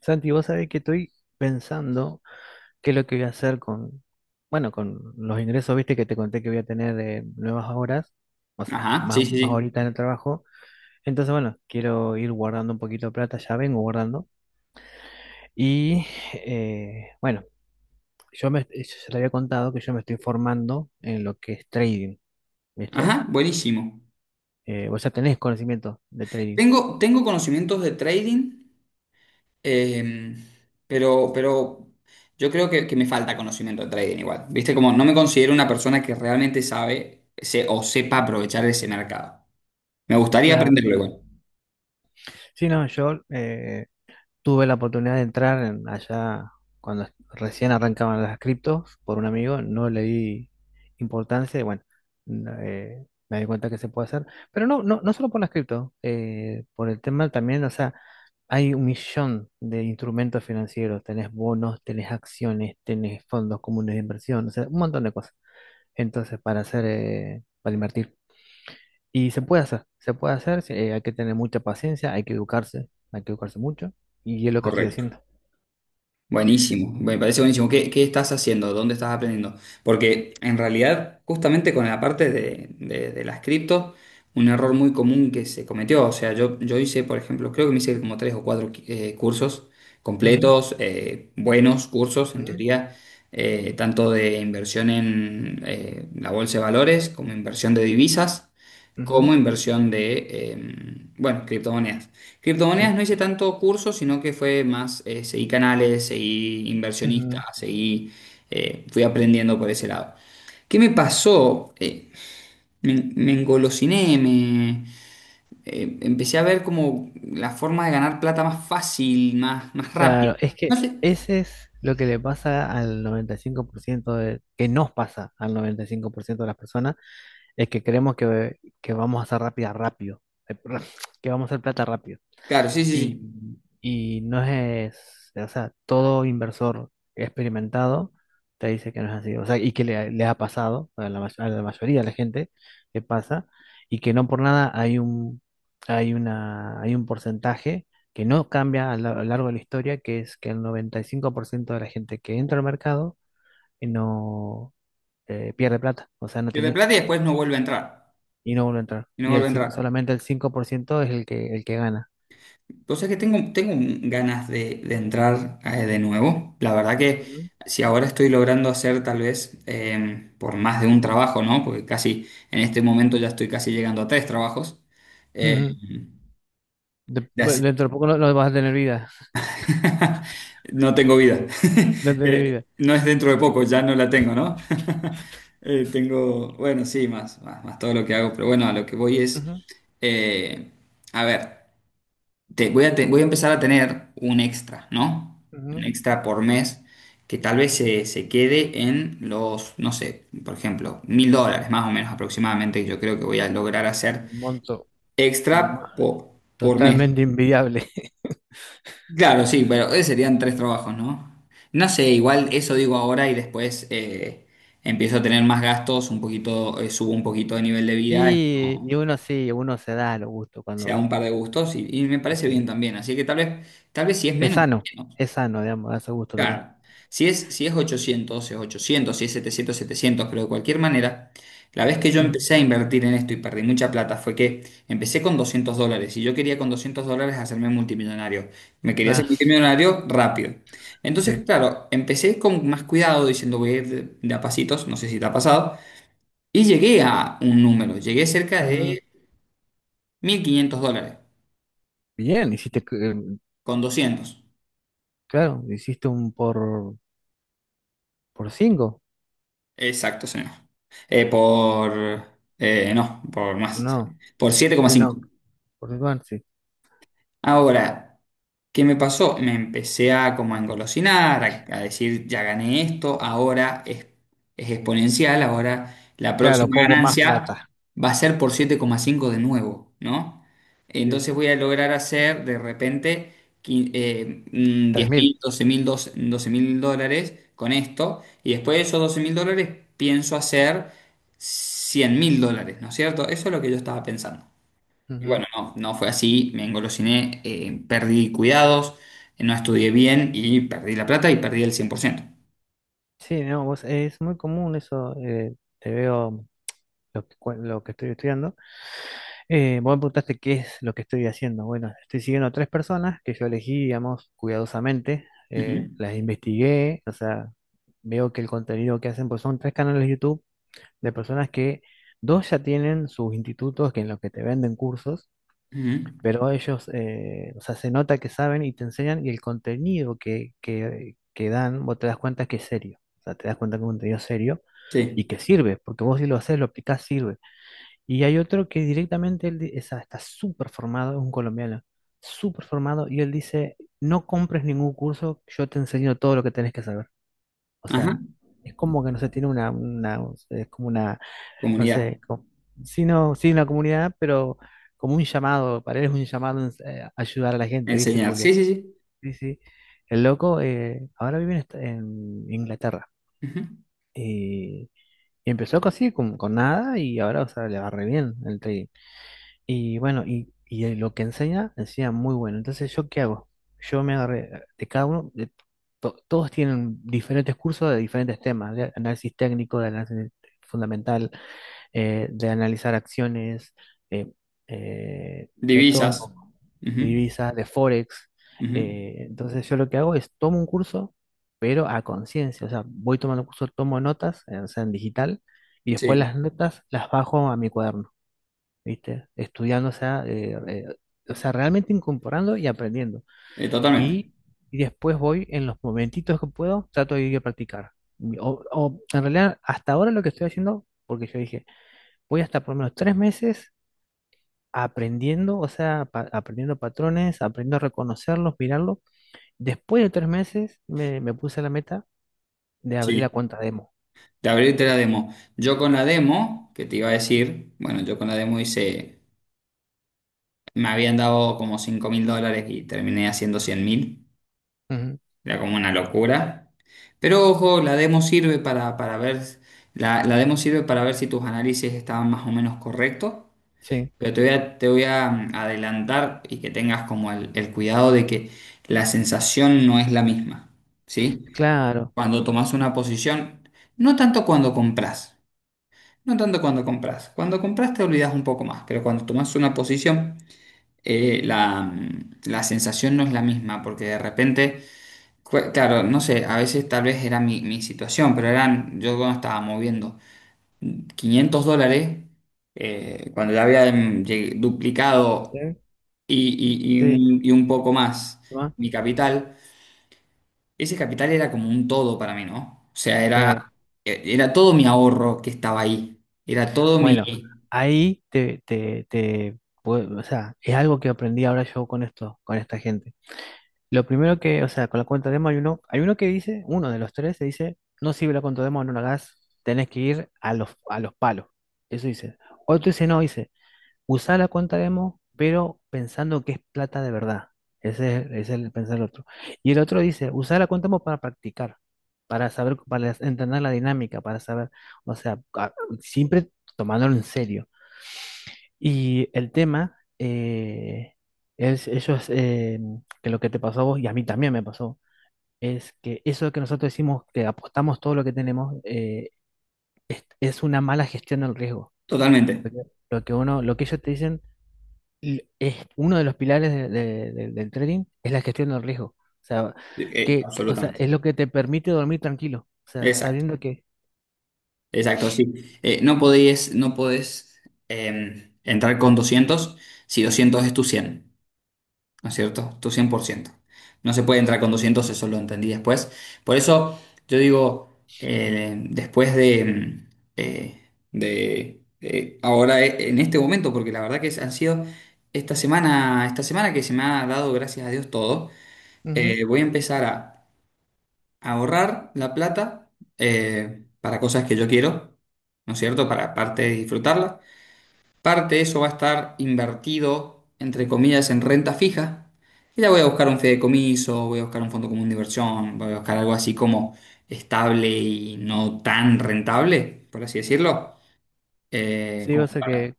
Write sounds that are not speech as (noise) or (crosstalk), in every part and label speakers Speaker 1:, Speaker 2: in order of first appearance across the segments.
Speaker 1: Santi, vos sabés que estoy pensando qué es lo que voy a hacer con, bueno, con los ingresos, viste, que te conté que voy a tener de nuevas horas, o sea,
Speaker 2: Ajá, sí,
Speaker 1: más,
Speaker 2: sí,
Speaker 1: más
Speaker 2: sí.
Speaker 1: horitas en el trabajo. Entonces, bueno, quiero ir guardando un poquito de plata, ya vengo guardando. Y, bueno, yo ya te había contado que yo me estoy formando en lo que es trading, viste.
Speaker 2: Ajá, buenísimo.
Speaker 1: Vos ya tenés conocimiento de trading.
Speaker 2: Tengo conocimientos de trading, em, pero yo creo que me falta conocimiento de trading igual. Viste, como no me considero una persona que realmente sabe o sepa aprovechar ese mercado. Me gustaría
Speaker 1: Claro.
Speaker 2: aprenderlo igual.
Speaker 1: Sí, no, yo tuve la oportunidad de entrar allá cuando recién arrancaban las criptos por un amigo, no le di importancia. Y bueno, me di cuenta que se puede hacer, pero no, no, no solo por las criptos, por el tema también, o sea, hay un millón de instrumentos financieros, tenés bonos, tenés acciones, tenés fondos comunes de inversión, o sea, un montón de cosas. Entonces, para invertir. Y se puede hacer, sí, hay que tener mucha paciencia, hay que educarse mucho, y es lo que estoy
Speaker 2: Correcto.
Speaker 1: haciendo.
Speaker 2: Buenísimo, me parece buenísimo. ¿Qué estás haciendo? ¿Dónde estás aprendiendo? Porque en realidad, justamente con la parte de las criptos, un error muy común que se cometió. O sea, yo hice, por ejemplo, creo que me hice como tres o cuatro cursos
Speaker 1: Ujú,
Speaker 2: completos, buenos cursos, en
Speaker 1: ujú,
Speaker 2: teoría, tanto de inversión en la bolsa de valores como inversión de divisas,
Speaker 1: ujú,
Speaker 2: como inversión de, bueno, criptomonedas. Criptomonedas
Speaker 1: sí,
Speaker 2: no hice tanto curso, sino que fue más, seguí canales, seguí inversionistas,
Speaker 1: ujú.
Speaker 2: seguí, fui aprendiendo por ese lado. ¿Qué me pasó? Me engolosiné, empecé a ver como la forma de ganar plata más fácil, más rápida.
Speaker 1: Claro, es
Speaker 2: No
Speaker 1: que
Speaker 2: sé.
Speaker 1: ese es lo que le pasa al 95% de, que nos pasa al 95% de las personas, es que creemos que vamos a hacer perdón, (laughs) que vamos a hacer plata rápido.
Speaker 2: Claro, sí, sí,
Speaker 1: y,
Speaker 2: sí.
Speaker 1: y no es, o sea, todo inversor experimentado te dice que no es así, o sea, y que le ha pasado a a la mayoría de la gente que pasa, y que no por nada hay un porcentaje que no cambia a lo largo de la historia, que es que el 95% de la gente que entra al mercado, no pierde plata, o sea, no
Speaker 2: Pierde
Speaker 1: tiene
Speaker 2: plata y
Speaker 1: éxito,
Speaker 2: después no vuelve a entrar.
Speaker 1: y no vuelve a entrar.
Speaker 2: Y no vuelve a
Speaker 1: Cinco,
Speaker 2: entrar.
Speaker 1: solamente el 5% es el que gana.
Speaker 2: O sea que tengo ganas de entrar de nuevo. La verdad que
Speaker 1: Ujú.
Speaker 2: si ahora estoy logrando hacer tal vez por más de un trabajo, ¿no? Porque casi en este momento ya estoy casi llegando a tres trabajos. Eh,
Speaker 1: (laughs)
Speaker 2: de
Speaker 1: Bueno,
Speaker 2: hace-
Speaker 1: dentro de poco no, no vas a tener vida.
Speaker 2: (laughs) No tengo vida.
Speaker 1: No
Speaker 2: (laughs)
Speaker 1: tener vida.
Speaker 2: No es dentro de poco, ya no la tengo, ¿no? (laughs) Tengo, bueno, sí, más, más, más todo lo que hago, pero bueno, a lo que voy es,
Speaker 1: Ujú,
Speaker 2: eh, a ver. Voy a, voy a empezar a tener un extra, ¿no? Un
Speaker 1: ujú.
Speaker 2: extra por mes que tal vez se quede en los, no sé, por ejemplo, $1.000 más o menos aproximadamente, que yo creo que voy a lograr hacer
Speaker 1: Un monto
Speaker 2: extra
Speaker 1: ma-
Speaker 2: por mes.
Speaker 1: totalmente invidiable. (laughs)
Speaker 2: Claro, sí, pero serían tres trabajos, ¿no? No sé, igual eso digo ahora y después empiezo a tener más gastos, un poquito, subo un poquito de nivel de vida, es
Speaker 1: Y
Speaker 2: como,
Speaker 1: uno sí, uno se da los gustos
Speaker 2: se da
Speaker 1: cuando,
Speaker 2: un par de gustos y me
Speaker 1: sí,
Speaker 2: parece bien
Speaker 1: sí.
Speaker 2: también, así que tal vez si es
Speaker 1: Es
Speaker 2: menos.
Speaker 1: sano, es sano, digamos, darse gusto también.
Speaker 2: Claro, si es 800, es 800, si es 700, 700, pero de cualquier manera, la vez que yo
Speaker 1: Ujú.
Speaker 2: empecé a invertir en esto y perdí mucha plata fue que empecé con $200 y yo quería con $200 hacerme multimillonario. Me quería hacer
Speaker 1: Ah,
Speaker 2: multimillonario rápido. Entonces,
Speaker 1: sí.
Speaker 2: claro, empecé con más cuidado diciendo voy a ir de a pasitos, no sé si te ha pasado, y llegué a un número, llegué cerca
Speaker 1: Ujú.
Speaker 2: de $1.500
Speaker 1: Bien, hiciste,
Speaker 2: con 200.
Speaker 1: claro, hiciste un por cinco.
Speaker 2: Exacto, señor. Eh, por... no, por más.
Speaker 1: No,
Speaker 2: Por siete coma
Speaker 1: sí,
Speaker 2: cinco.
Speaker 1: no, por cinco, bueno, sí.
Speaker 2: Ahora, ¿qué me pasó? Me empecé a como a engolosinar, a decir, ya gané esto, ahora es exponencial, ahora la
Speaker 1: Claro,
Speaker 2: próxima
Speaker 1: pongo más plata.
Speaker 2: ganancia va a ser por 7,5 de nuevo, ¿no?
Speaker 1: Sí,
Speaker 2: Entonces voy a lograr hacer de repente
Speaker 1: tres
Speaker 2: 10
Speaker 1: mil.
Speaker 2: mil, doce mil dólares con esto, y después de esos $12.000 pienso hacer $100.000, ¿no es cierto? Eso es lo que yo estaba pensando. Y
Speaker 1: Ujú.
Speaker 2: bueno, no, no fue así, me engolosiné, perdí cuidados, no estudié bien y perdí la plata y perdí el 100%.
Speaker 1: Sí, no, es muy común eso. Te veo. Lo que estoy estudiando. Vos me preguntaste qué es lo que estoy haciendo. Bueno, estoy siguiendo a tres personas que yo elegí, digamos, cuidadosamente.
Speaker 2: Ujú,
Speaker 1: Las investigué, o sea, veo que el contenido que hacen, pues son tres canales de YouTube de personas que dos ya tienen sus institutos que en los que te venden cursos,
Speaker 2: ujú,
Speaker 1: pero ellos, o sea, se nota que saben y te enseñan y el contenido que dan, vos te das cuenta que es serio. O sea, te das cuenta que es un contenido serio y
Speaker 2: sí,
Speaker 1: que sirve, porque vos si lo haces, lo aplicás, sirve. Y hay otro que directamente él está súper formado, es un colombiano, súper formado, y él dice, no compres ningún curso, yo te enseño todo lo que tenés que saber. O
Speaker 2: ajá,
Speaker 1: sea, es como que no sé, tiene una, es como una, no
Speaker 2: comunidad,
Speaker 1: sé, como, sí, no, sí, la comunidad, pero como un llamado, para él es un llamado a ayudar a la gente, ¿viste?
Speaker 2: enseñar, sí,
Speaker 1: Porque,
Speaker 2: sí, sí.
Speaker 1: sí, sí, el loco, ahora vive en, en Inglaterra.
Speaker 2: Ujú.
Speaker 1: Y, y empezó así, con nada, y ahora, o sea, le va re bien el trading. Y bueno, lo que enseña, enseña muy bueno. Entonces, ¿yo qué hago? Yo me agarré, de cada uno, de todos tienen diferentes cursos de diferentes temas, de análisis técnico, de análisis fundamental, de analizar acciones, eh, de todo un
Speaker 2: Divisas,
Speaker 1: poco, de
Speaker 2: ujú,
Speaker 1: divisas, de forex.
Speaker 2: ujú,
Speaker 1: Entonces, yo lo que hago es tomo un curso, pero a conciencia, o sea, voy tomando cursos, tomo notas, o sea, en digital, y después
Speaker 2: sí,
Speaker 1: las notas las bajo a mi cuaderno. ¿Viste? Estudiando, o sea, realmente incorporando y aprendiendo.
Speaker 2: totalmente.
Speaker 1: Y, y después voy en los momentitos que puedo, trato de ir a practicar. En realidad, hasta ahora lo que estoy haciendo, porque yo dije, voy hasta por lo menos 3 meses aprendiendo, o sea, aprendiendo patrones, aprendiendo a reconocerlos, mirarlos. Después de 3 meses me puse la meta de abrir
Speaker 2: Sí,
Speaker 1: la cuenta demo.
Speaker 2: de abrirte la demo. Yo con la demo, que te iba a decir, bueno, yo con la demo hice, me habían dado como $5.000 y terminé haciendo 100.000,
Speaker 1: Ujú.
Speaker 2: era como una locura. Pero ojo, la demo sirve para ver, la demo sirve para ver si tus análisis estaban más o menos correctos,
Speaker 1: Sí,
Speaker 2: pero te voy a adelantar y que tengas como el cuidado de que la sensación no es la misma, ¿sí?
Speaker 1: claro.
Speaker 2: Cuando tomas una posición, no tanto cuando compras, no tanto cuando compras, cuando compras te olvidas un poco más, pero cuando tomas una posición, la sensación no es la misma, porque de repente. Claro, no sé, a veces tal vez era mi situación, pero yo cuando estaba moviendo $500, cuando ya había
Speaker 1: Sí,
Speaker 2: duplicado y, y- y
Speaker 1: sí,
Speaker 2: un, y un poco más
Speaker 1: ¿no?
Speaker 2: mi capital, ese capital era como un todo para mí, ¿no? O sea,
Speaker 1: Claro.
Speaker 2: era todo mi ahorro que estaba ahí, era todo mi.
Speaker 1: Bueno, ahí o sea, es algo que aprendí ahora yo con esto, con esta gente. Lo primero que, o sea, con la cuenta demo hay uno que dice, uno de los tres se dice, no sirve la cuenta demo, no la hagas, tenés que ir a a los palos. Eso dice. Otro dice, no, dice, usá la cuenta demo, pero pensando que es plata de verdad. Ese es el pensar del otro. Y el otro dice, usá la cuenta demo para practicar, para saber, para entender la dinámica, para saber, o sea, siempre tomándolo en serio. Y el tema es, eso es que lo que te pasó a vos y a mí también me pasó, es que eso que nosotros decimos que apostamos todo lo que tenemos es una mala gestión del riesgo.
Speaker 2: Totalmente,
Speaker 1: Porque lo que uno, lo que ellos te dicen es uno de los pilares del trading es la gestión del riesgo. O sea, o sea,
Speaker 2: absolutamente.
Speaker 1: es lo que te permite dormir tranquilo. O sea,
Speaker 2: Exacto,
Speaker 1: sabiendo que.
Speaker 2: exacto, sí. No podés entrar con 200 si 200 es tu 100, ¿no es cierto? Tu 100%. No se puede entrar con 200, eso lo entendí después. Por eso yo digo, después eh, de ahora en este momento, porque la verdad que han sido esta semana que se me ha dado, gracias a Dios, todo,
Speaker 1: Ujú.
Speaker 2: voy a empezar a ahorrar la plata para cosas que yo quiero, ¿no es cierto? Para aparte de disfrutarla. Parte de eso va a estar invertido, entre comillas, en renta fija. Y ya voy a buscar un fideicomiso, voy a buscar un fondo común de inversión, voy a buscar algo así como estable y no tan rentable, por así decirlo.
Speaker 1: Sí,
Speaker 2: Como
Speaker 1: o sea
Speaker 2: para-
Speaker 1: que,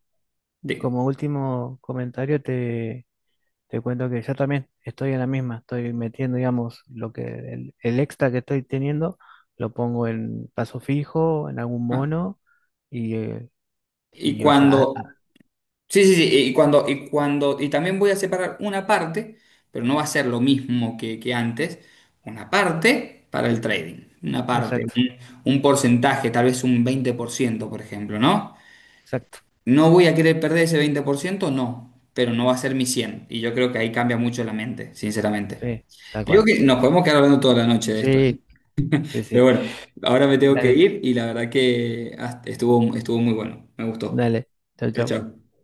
Speaker 2: de-
Speaker 1: como último comentario, Te cuento que yo también estoy en la misma, estoy metiendo, digamos, lo que el extra que estoy teniendo, lo pongo en paso fijo, en algún
Speaker 2: ah,
Speaker 1: mono, y, eh,
Speaker 2: y
Speaker 1: y o sea,
Speaker 2: cuando, sí, sí, sí, y cuando, y también voy a separar una parte, pero no va a ser lo mismo que antes, una parte para el trading, una parte,
Speaker 1: exacto,
Speaker 2: un porcentaje, tal vez un 20% por ejemplo, ¿no?
Speaker 1: exacto,
Speaker 2: No voy a querer perder ese 20%, no, pero no va a ser mi 100. Y yo creo que ahí cambia mucho la mente, sinceramente.
Speaker 1: sí, tal
Speaker 2: Digo
Speaker 1: cual.
Speaker 2: que nos podemos quedar hablando toda la noche de esto, ¿eh?
Speaker 1: Sí, sí,
Speaker 2: Pero
Speaker 1: sí.
Speaker 2: bueno, ahora me tengo que
Speaker 1: Dale,
Speaker 2: ir y la verdad que estuvo muy bueno, me gustó.
Speaker 1: dale, chao,
Speaker 2: Chao,
Speaker 1: chao.
Speaker 2: chao.